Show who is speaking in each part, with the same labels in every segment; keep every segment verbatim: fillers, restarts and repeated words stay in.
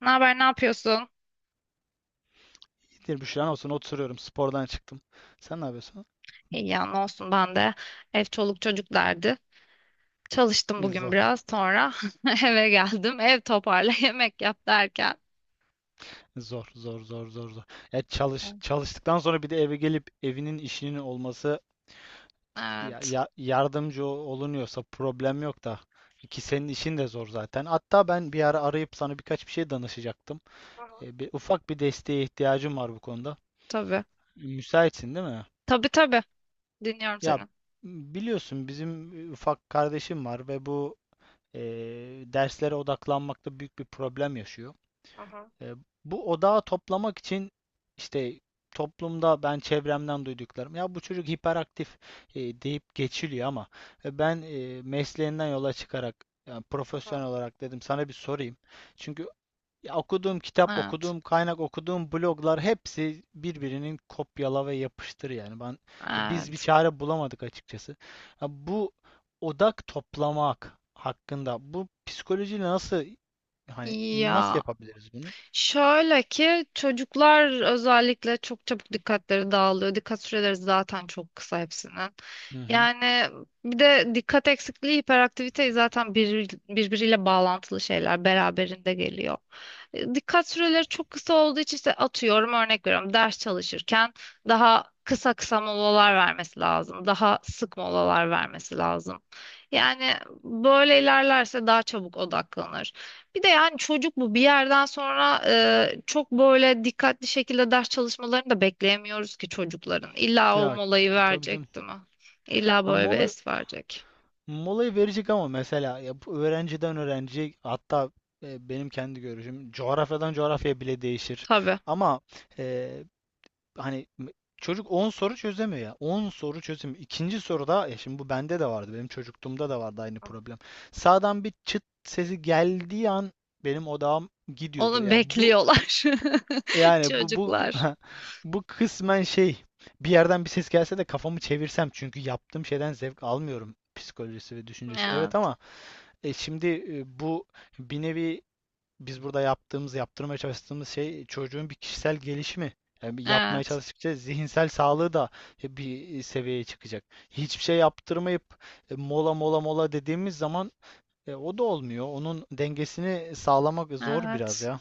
Speaker 1: Ne haber, ne yapıyorsun?
Speaker 2: Bir Büşra'nın olsun oturuyorum, spordan çıktım. Sen ne yapıyorsun?
Speaker 1: İyi ya, ne olsun ben de. Ev çoluk çocuk derdi. Çalıştım bugün
Speaker 2: Zor.
Speaker 1: biraz sonra eve geldim. Ev toparla, yemek yap derken.
Speaker 2: Zor zor zor zor zor. Ya çalış çalıştıktan sonra bir de eve gelip evinin işinin olması ya,
Speaker 1: Evet,
Speaker 2: ya- yardımcı olunuyorsa problem yok da, ki senin işin de zor zaten. Hatta ben bir ara arayıp sana birkaç bir şey danışacaktım.
Speaker 1: Hı hı,
Speaker 2: E, bir, ufak bir desteğe ihtiyacım var bu konuda.
Speaker 1: tabii.
Speaker 2: Müsaitsin değil mi?
Speaker 1: Tabii tabii. Dinliyorum
Speaker 2: Ya
Speaker 1: seni.
Speaker 2: biliyorsun bizim e, ufak kardeşim var ve bu e, derslere odaklanmakta büyük bir problem yaşıyor.
Speaker 1: Hı hı,
Speaker 2: E, Bu odağı toplamak için işte toplumda ben çevremden duyduklarım, ya bu çocuk hiperaktif e, deyip geçiliyor ama e, ben e, mesleğinden yola çıkarak, yani
Speaker 1: hı hı.
Speaker 2: profesyonel olarak dedim sana bir sorayım. Çünkü ya okuduğum kitap,
Speaker 1: Evet,
Speaker 2: okuduğum kaynak, okuduğum bloglar, hepsi birbirinin kopyala ve yapıştır yani. Ben e, biz bir
Speaker 1: evet.
Speaker 2: çare bulamadık açıkçası. Ya bu odak toplamak hakkında, bu psikolojiyle nasıl hani
Speaker 1: İyi
Speaker 2: nasıl
Speaker 1: ya.
Speaker 2: yapabiliriz bunu?
Speaker 1: Şöyle ki çocuklar özellikle çok çabuk dikkatleri dağılıyor. Dikkat süreleri zaten çok kısa hepsinin.
Speaker 2: Hı hı.
Speaker 1: Yani bir de dikkat eksikliği, hiperaktivite zaten bir, birbiriyle bağlantılı şeyler beraberinde geliyor. E, Dikkat süreleri çok kısa olduğu için işte atıyorum örnek veriyorum ders çalışırken daha kısa kısa molalar vermesi lazım. Daha sık molalar vermesi lazım. Yani böyle ilerlerse daha çabuk odaklanır. Bir de yani çocuk bu bir yerden sonra e, çok böyle dikkatli şekilde ders çalışmalarını da bekleyemiyoruz ki çocukların. İlla o
Speaker 2: Ya
Speaker 1: molayı
Speaker 2: tabii canım.
Speaker 1: verecek değil mi? İlla
Speaker 2: Ama
Speaker 1: böyle bir
Speaker 2: mola,
Speaker 1: es verecek.
Speaker 2: molayı verecek, ama mesela ya bu öğrenciden öğrenciye, hatta e, benim kendi görüşüm coğrafyadan coğrafyaya bile değişir.
Speaker 1: Tabii.
Speaker 2: Ama e, hani m- çocuk on soru çözemiyor ya. On soru çözemiyor. İkinci soruda ya, şimdi bu bende de vardı. Benim çocukluğumda da vardı aynı problem. Sağdan bir çıt sesi geldiği an benim odağım gidiyordu.
Speaker 1: Onu
Speaker 2: Ya bu
Speaker 1: bekliyorlar
Speaker 2: Yani bu bu bu,
Speaker 1: çocuklar.
Speaker 2: bu kısmen şey bir yerden bir ses gelse de kafamı çevirsem, çünkü yaptığım şeyden zevk almıyorum psikolojisi ve düşüncesi. Evet
Speaker 1: Evet,
Speaker 2: ama e, şimdi e, bu bir nevi biz burada yaptığımız, yaptırmaya çalıştığımız şey, çocuğun bir kişisel gelişimi. Yani bir yapmaya
Speaker 1: evet,
Speaker 2: çalıştıkça zihinsel sağlığı da bir e, seviyeye çıkacak. Hiçbir şey yaptırmayıp e, mola mola mola dediğimiz zaman e, o da olmuyor. Onun dengesini sağlamak zor biraz
Speaker 1: evet.
Speaker 2: ya.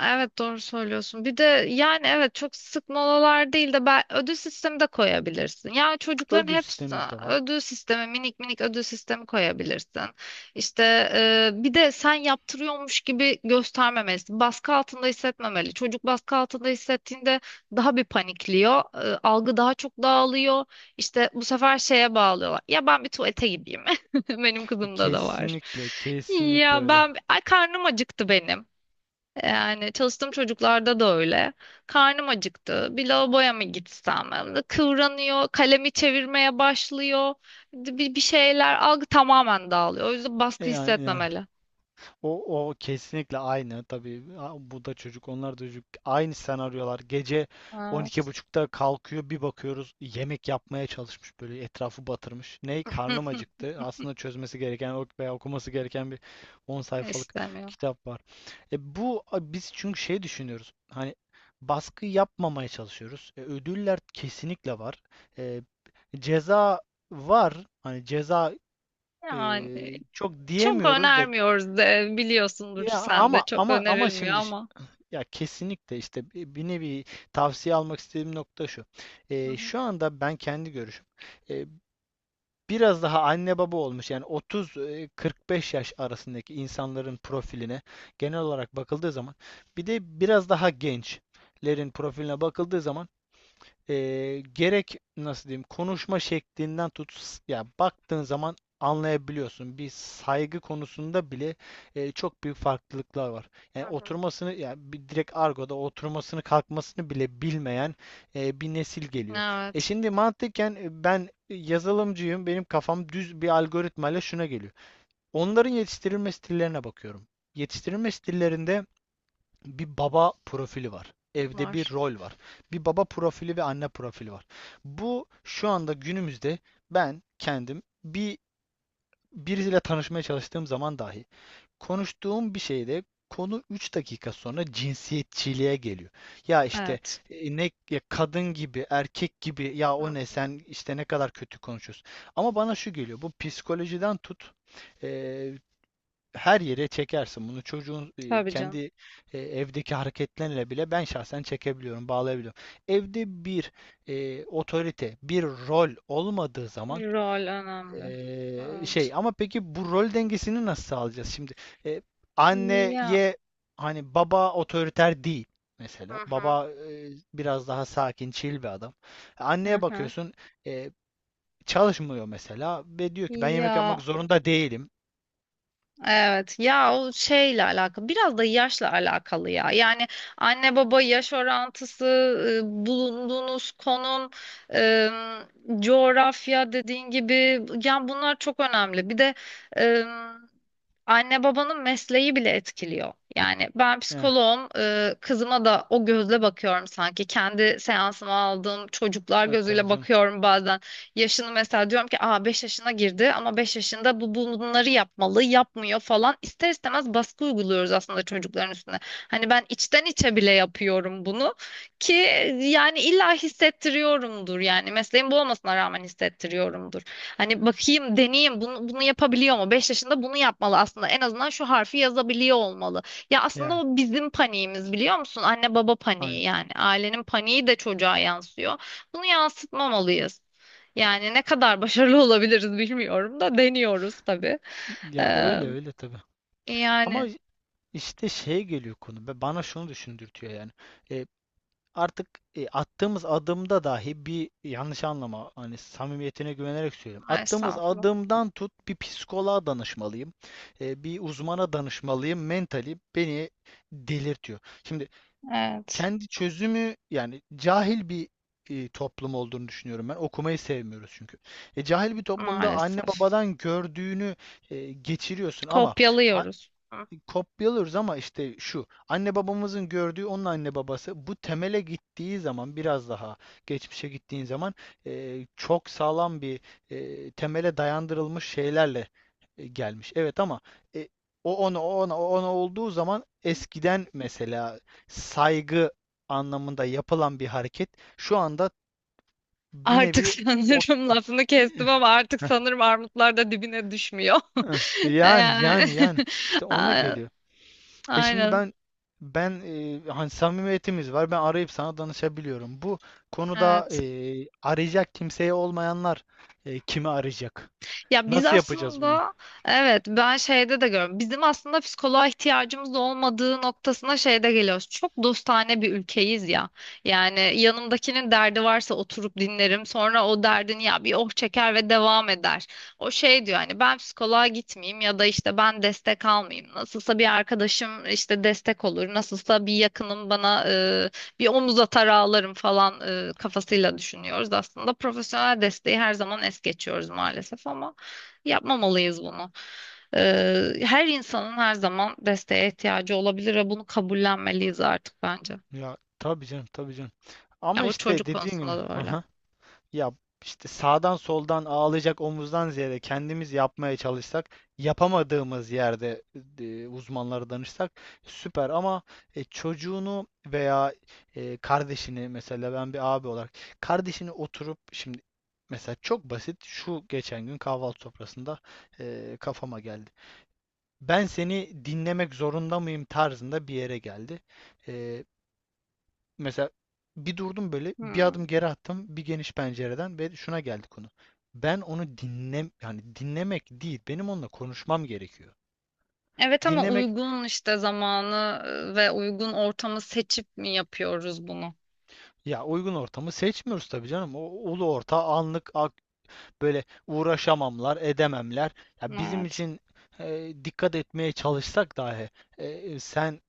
Speaker 1: Evet doğru söylüyorsun. Bir de yani evet çok sık molalar değil de ben ödül sistemi de koyabilirsin. Yani çocukların
Speaker 2: Ödül
Speaker 1: hepsi
Speaker 2: sistemimiz de var.
Speaker 1: ödül sistemi, minik minik ödül sistemi koyabilirsin. İşte e, bir de sen yaptırıyormuş gibi göstermemelisin. Baskı altında hissetmemeli. Çocuk baskı altında hissettiğinde daha bir panikliyor. E, algı daha çok dağılıyor. İşte bu sefer şeye bağlıyorlar. Ya ben bir tuvalete gideyim. Benim
Speaker 2: E,
Speaker 1: kızımda da var.
Speaker 2: Kesinlikle, kesinlikle
Speaker 1: Ya
Speaker 2: öyle.
Speaker 1: ben ay karnım acıktı benim. Yani çalıştığım çocuklarda da öyle. Karnım acıktı. Bir lavaboya mı gitsem? Kıvranıyor, kalemi çevirmeye başlıyor. Bir, bir şeyler algı tamamen dağılıyor. O yüzden
Speaker 2: E,
Speaker 1: baskı
Speaker 2: yani, yani
Speaker 1: hissetmemeli.
Speaker 2: o o kesinlikle aynı. Tabii a- bu da çocuk, onlar da çocuk. Aynı senaryolar. Gece
Speaker 1: Aa,
Speaker 2: on iki buçukta kalkıyor, bir bakıyoruz yemek yapmaya çalışmış, böyle etrafı batırmış. Ney? Karnım acıktı. Aslında çözmesi gereken, ok- veya okuması gereken bir on sayfalık
Speaker 1: İstemiyor.
Speaker 2: kitap var. E, bu a, biz çünkü şey düşünüyoruz. Hani baskı yapmamaya çalışıyoruz. E, ödüller kesinlikle var. E, Ceza var. Hani ceza,
Speaker 1: Yani
Speaker 2: Eee, çok
Speaker 1: çok
Speaker 2: diyemiyoruz da
Speaker 1: önermiyoruz de biliyorsundur
Speaker 2: ya
Speaker 1: sen de
Speaker 2: ama
Speaker 1: çok
Speaker 2: ama ama
Speaker 1: önerilmiyor
Speaker 2: şimdi ş-
Speaker 1: ama.
Speaker 2: ya kesinlikle, işte bi- bir nevi tavsiye almak istediğim nokta şu.
Speaker 1: Hı
Speaker 2: Eee,
Speaker 1: hı.
Speaker 2: şu anda ben kendi görüşüm, eee, biraz daha anne baba olmuş yani otuz kırk beş yaş arasındaki insanların profiline genel olarak bakıldığı zaman, bir de biraz daha gençlerin profiline bakıldığı zaman, e, gerek nasıl diyeyim konuşma şeklinden tut, ya baktığın zaman anlayabiliyorsun. Bir saygı konusunda bile e, çok büyük farklılıklar var.
Speaker 1: Hı
Speaker 2: Yani
Speaker 1: hı.
Speaker 2: oturmasını, ya bir direkt argoda oturmasını kalkmasını bile bilmeyen e, bir nesil geliyor. E
Speaker 1: Evet
Speaker 2: şimdi mantıken, e, ben yazılımcıyım. Benim kafam düz bir algoritmayla şuna geliyor. Onların yetiştirilme stillerine bakıyorum. Yetiştirilme stillerinde bir baba profili var. Evde bir
Speaker 1: var.
Speaker 2: rol var. Bir baba profili ve anne profili var. Bu şu anda günümüzde, ben kendim bir birisiyle tanışmaya çalıştığım zaman dahi, konuştuğum bir şeyde konu üç dakika sonra cinsiyetçiliğe geliyor. Ya işte
Speaker 1: Evet.
Speaker 2: e, ne ya, kadın gibi, erkek gibi, ya o
Speaker 1: Hı.
Speaker 2: ne, sen işte ne kadar kötü konuşuyorsun. Ama bana şu geliyor. Bu psikolojiden tut, e, her yere çekersin. Bunu çocuğun e,
Speaker 1: Tabii canım.
Speaker 2: kendi e, evdeki hareketlerle bile ben şahsen çekebiliyorum, bağlayabiliyorum. Evde bir e, otorite, bir rol olmadığı zaman,
Speaker 1: Rol önemli.
Speaker 2: e,
Speaker 1: Evet.
Speaker 2: şey ama peki bu rol dengesini nasıl sağlayacağız şimdi? E,
Speaker 1: Ya.
Speaker 2: Anneye, hani baba otoriter değil
Speaker 1: Hı
Speaker 2: mesela.
Speaker 1: hı.
Speaker 2: Baba e, biraz daha sakin, chill bir adam. Anneye
Speaker 1: Hı hı.
Speaker 2: bakıyorsun e, çalışmıyor mesela, ve diyor ki ben yemek yapmak
Speaker 1: Ya
Speaker 2: zorunda değilim.
Speaker 1: evet ya o şeyle alakalı biraz da yaşla alakalı ya yani anne baba yaş orantısı, e, bulunduğunuz konum, e, coğrafya dediğin gibi yani bunlar çok önemli. Bir de Anne babanın mesleği bile etkiliyor. Yani ben
Speaker 2: Evet,
Speaker 1: psikoloğum, e, kızıma da o gözle bakıyorum sanki. Kendi seansıma aldığım çocuklar
Speaker 2: evet tabii
Speaker 1: gözüyle
Speaker 2: canım.
Speaker 1: bakıyorum bazen. Yaşını mesela diyorum ki aa beş yaşına girdi ama beş yaşında bu bunları yapmalı, yapmıyor falan. İster istemez baskı uyguluyoruz aslında çocukların üstüne. Hani ben içten içe bile yapıyorum bunu ki yani illa hissettiriyorumdur yani mesleğim bu olmasına rağmen hissettiriyorumdur. Hani bakayım, deneyeyim, bunu, bunu yapabiliyor mu? Beş yaşında bunu yapmalı aslında. En azından şu harfi yazabiliyor olmalı. Ya aslında
Speaker 2: Yani.
Speaker 1: o bizim paniğimiz biliyor musun? Anne baba
Speaker 2: Aynen.
Speaker 1: paniği yani. Ailenin paniği de çocuğa yansıyor. Bunu yansıtmamalıyız. Yani ne kadar başarılı olabiliriz bilmiyorum da deniyoruz tabii.
Speaker 2: Ya
Speaker 1: Ee,
Speaker 2: öyle öyle tabii.
Speaker 1: Yani
Speaker 2: Ama işte şeye geliyor konu. Ve bana şunu düşündürtüyor yani. E, Artık e, attığımız adımda dahi bir yanlış anlama, hani samimiyetine güvenerek söylüyorum. Attığımız
Speaker 1: estağfurullah.
Speaker 2: adımdan tut, bir psikoloğa danışmalıyım. E, bir uzmana danışmalıyım. Mentali beni delirtiyor. Şimdi
Speaker 1: Evet,
Speaker 2: kendi çözümü, yani cahil bir e, toplum olduğunu düşünüyorum ben. Okumayı sevmiyoruz çünkü. E, cahil bir toplumda anne
Speaker 1: maalesef.
Speaker 2: babadan gördüğünü e, geçiriyorsun, ama
Speaker 1: Kopyalıyoruz. Hı.
Speaker 2: kopyalıyoruz. Ama işte şu anne babamızın gördüğü, onun anne babası, bu temele gittiği zaman, biraz daha geçmişe gittiğin zaman, eee, çok sağlam bir eee, temele dayandırılmış şeylerle e, gelmiş. Evet ama e, o ona, o ona, o ona olduğu zaman eskiden, mesela saygı anlamında yapılan bir hareket şu anda bir
Speaker 1: Artık
Speaker 2: nevi o
Speaker 1: sanırım lafını kestim ama artık sanırım armutlar da dibine düşmüyor.
Speaker 2: yani
Speaker 1: Yani,
Speaker 2: yani yani işte ona
Speaker 1: a-
Speaker 2: geliyor. E şimdi
Speaker 1: aynen.
Speaker 2: ben ben e, hani samimiyetimiz var. Ben arayıp sana danışabiliyorum. Bu konuda e,
Speaker 1: Evet.
Speaker 2: arayacak kimseye olmayanlar e, kimi arayacak?
Speaker 1: Ya biz
Speaker 2: Nasıl yapacağız bunu?
Speaker 1: aslında evet ben şeyde de görüyorum. Bizim aslında psikoloğa ihtiyacımız olmadığı noktasına şeyde geliyoruz. Çok dostane bir ülkeyiz ya. Yani yanımdakinin derdi varsa oturup dinlerim. Sonra o derdin ya bir oh çeker ve devam eder. O şey diyor hani ben psikoloğa gitmeyeyim ya da işte ben destek almayayım. Nasılsa bir arkadaşım işte destek olur. Nasılsa bir yakınım bana e, bir omuz atar ağlarım falan e, kafasıyla düşünüyoruz aslında. Profesyonel desteği her zaman es geçiyoruz maalesef ama. Yapmamalıyız bunu. Ee, her insanın her zaman desteğe ihtiyacı olabilir ve bunu kabullenmeliyiz artık bence.
Speaker 2: Ya tabii canım, tabii canım.
Speaker 1: Ya
Speaker 2: Ama
Speaker 1: bu
Speaker 2: işte
Speaker 1: çocuk
Speaker 2: dediğin
Speaker 1: konusunda
Speaker 2: gibi.
Speaker 1: da öyle.
Speaker 2: Ya işte sağdan soldan ağlayacak omuzdan ziyade, kendimiz yapmaya çalışsak, yapamadığımız yerde e, uzmanlara danışsak süper, ama e, çocuğunu veya e, kardeşini, mesela ben bir abi olarak kardeşini oturup şimdi, mesela çok basit, şu geçen gün kahvaltı sofrasında e, kafama geldi. Ben seni dinlemek zorunda mıyım tarzında bir yere geldi. E, Mesela bir durdum, böyle bir
Speaker 1: Hmm.
Speaker 2: adım geri attım, bir geniş pencereden, ve şuna geldi konu. Ben onu dinlem yani dinlemek değil, benim onunla konuşmam gerekiyor.
Speaker 1: Evet ama
Speaker 2: Dinlemek,
Speaker 1: uygun işte zamanı e, ve uygun ortamı seçip mi yapıyoruz bunu?
Speaker 2: ya uygun ortamı seçmiyoruz tabii canım. O ulu orta anlık ak- böyle uğraşamamlar edememler. Ya bizim
Speaker 1: Evet.
Speaker 2: için e, dikkat etmeye çalışsak dahi e, sen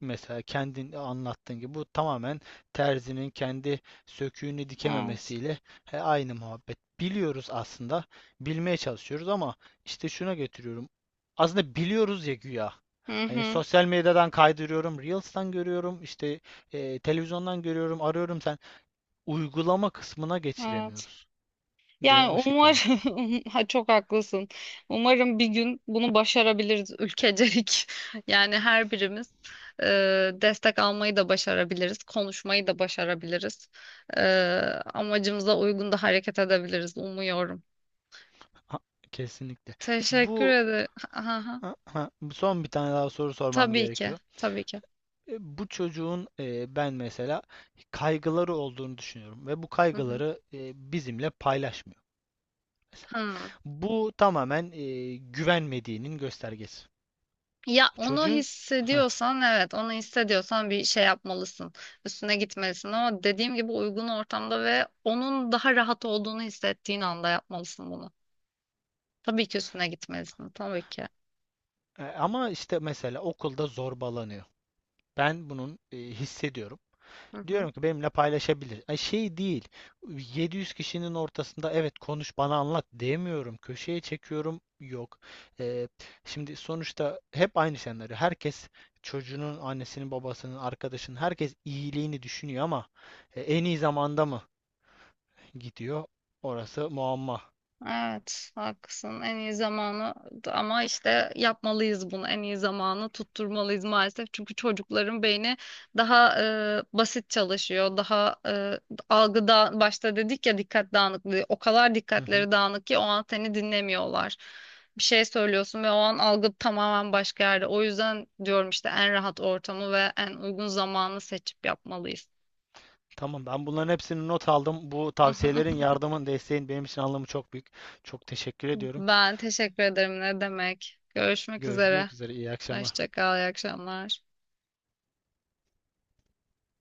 Speaker 2: mesela kendin anlattığın gibi, bu tamamen terzinin kendi söküğünü
Speaker 1: Evet.
Speaker 2: dikememesiyle, he, aynı muhabbet. Biliyoruz aslında, bilmeye çalışıyoruz, ama işte şuna getiriyorum. Aslında biliyoruz ya güya.
Speaker 1: Hı
Speaker 2: Hani
Speaker 1: hı.
Speaker 2: sosyal medyadan kaydırıyorum, Reels'tan görüyorum, işte e, televizyondan görüyorum, arıyorum sen. Uygulama kısmına
Speaker 1: Evet.
Speaker 2: geçiremiyoruz. De
Speaker 1: Yani
Speaker 2: o şekilde.
Speaker 1: umarım ha, çok haklısın. Umarım bir gün bunu başarabiliriz ülkecelik. Yani her birimiz e, destek almayı da başarabiliriz, konuşmayı da başarabiliriz. E, Amacımıza uygun da hareket edebiliriz umuyorum.
Speaker 2: Ha, kesinlikle.
Speaker 1: Teşekkür ederim. Aha,
Speaker 2: Bu son bir tane daha soru sormam
Speaker 1: tabii ki,
Speaker 2: gerekiyor.
Speaker 1: tabii ki.
Speaker 2: E, Bu çocuğun, e, ben mesela kaygıları olduğunu düşünüyorum, ve bu
Speaker 1: Hı hı.
Speaker 2: kaygıları e, bizimle paylaşmıyor mesela.
Speaker 1: Hı.
Speaker 2: Bu tamamen e, güvenmediğinin göstergesi.
Speaker 1: Ya onu
Speaker 2: Çocuğun. Heh.
Speaker 1: hissediyorsan evet onu hissediyorsan bir şey yapmalısın. Üstüne gitmelisin ama dediğim gibi uygun ortamda ve onun daha rahat olduğunu hissettiğin anda yapmalısın bunu. Tabii ki üstüne gitmelisin tabii ki.
Speaker 2: E, ama işte mesela okulda zorbalanıyor. Ben bunun e, hissediyorum.
Speaker 1: Hı hı.
Speaker 2: Diyorum ki benimle paylaşabilir. Ay, şey değil. yedi yüz kişinin ortasında evet, konuş bana anlat demiyorum. Köşeye çekiyorum. Yok. Ee, Şimdi sonuçta hep aynı senaryo. Herkes, çocuğunun, annesinin, babasının, arkadaşının, herkes iyiliğini düşünüyor, ama e, en iyi zamanda mı gidiyor? Orası muamma.
Speaker 1: Evet, haklısın. En iyi zamanı ama işte yapmalıyız bunu. En iyi zamanı tutturmalıyız maalesef. Çünkü çocukların beyni daha e, basit çalışıyor. Daha e, algıda başta dedik ya dikkat dağınıklığı. O kadar
Speaker 2: Hı hı.
Speaker 1: dikkatleri dağınık ki o an seni dinlemiyorlar. Bir şey söylüyorsun ve o an algı tamamen başka yerde. O yüzden diyorum işte en rahat ortamı ve en uygun zamanı seçip yapmalıyız.
Speaker 2: Tamam, ben bunların hepsini not aldım. Bu tavsiyelerin, yardımın, desteğin benim için anlamı çok büyük. Çok teşekkür ediyorum.
Speaker 1: Ben teşekkür ederim. Ne demek? Görüşmek üzere.
Speaker 2: Görüşmek üzere. İyi akşamlar.
Speaker 1: Hoşça kal, iyi akşamlar.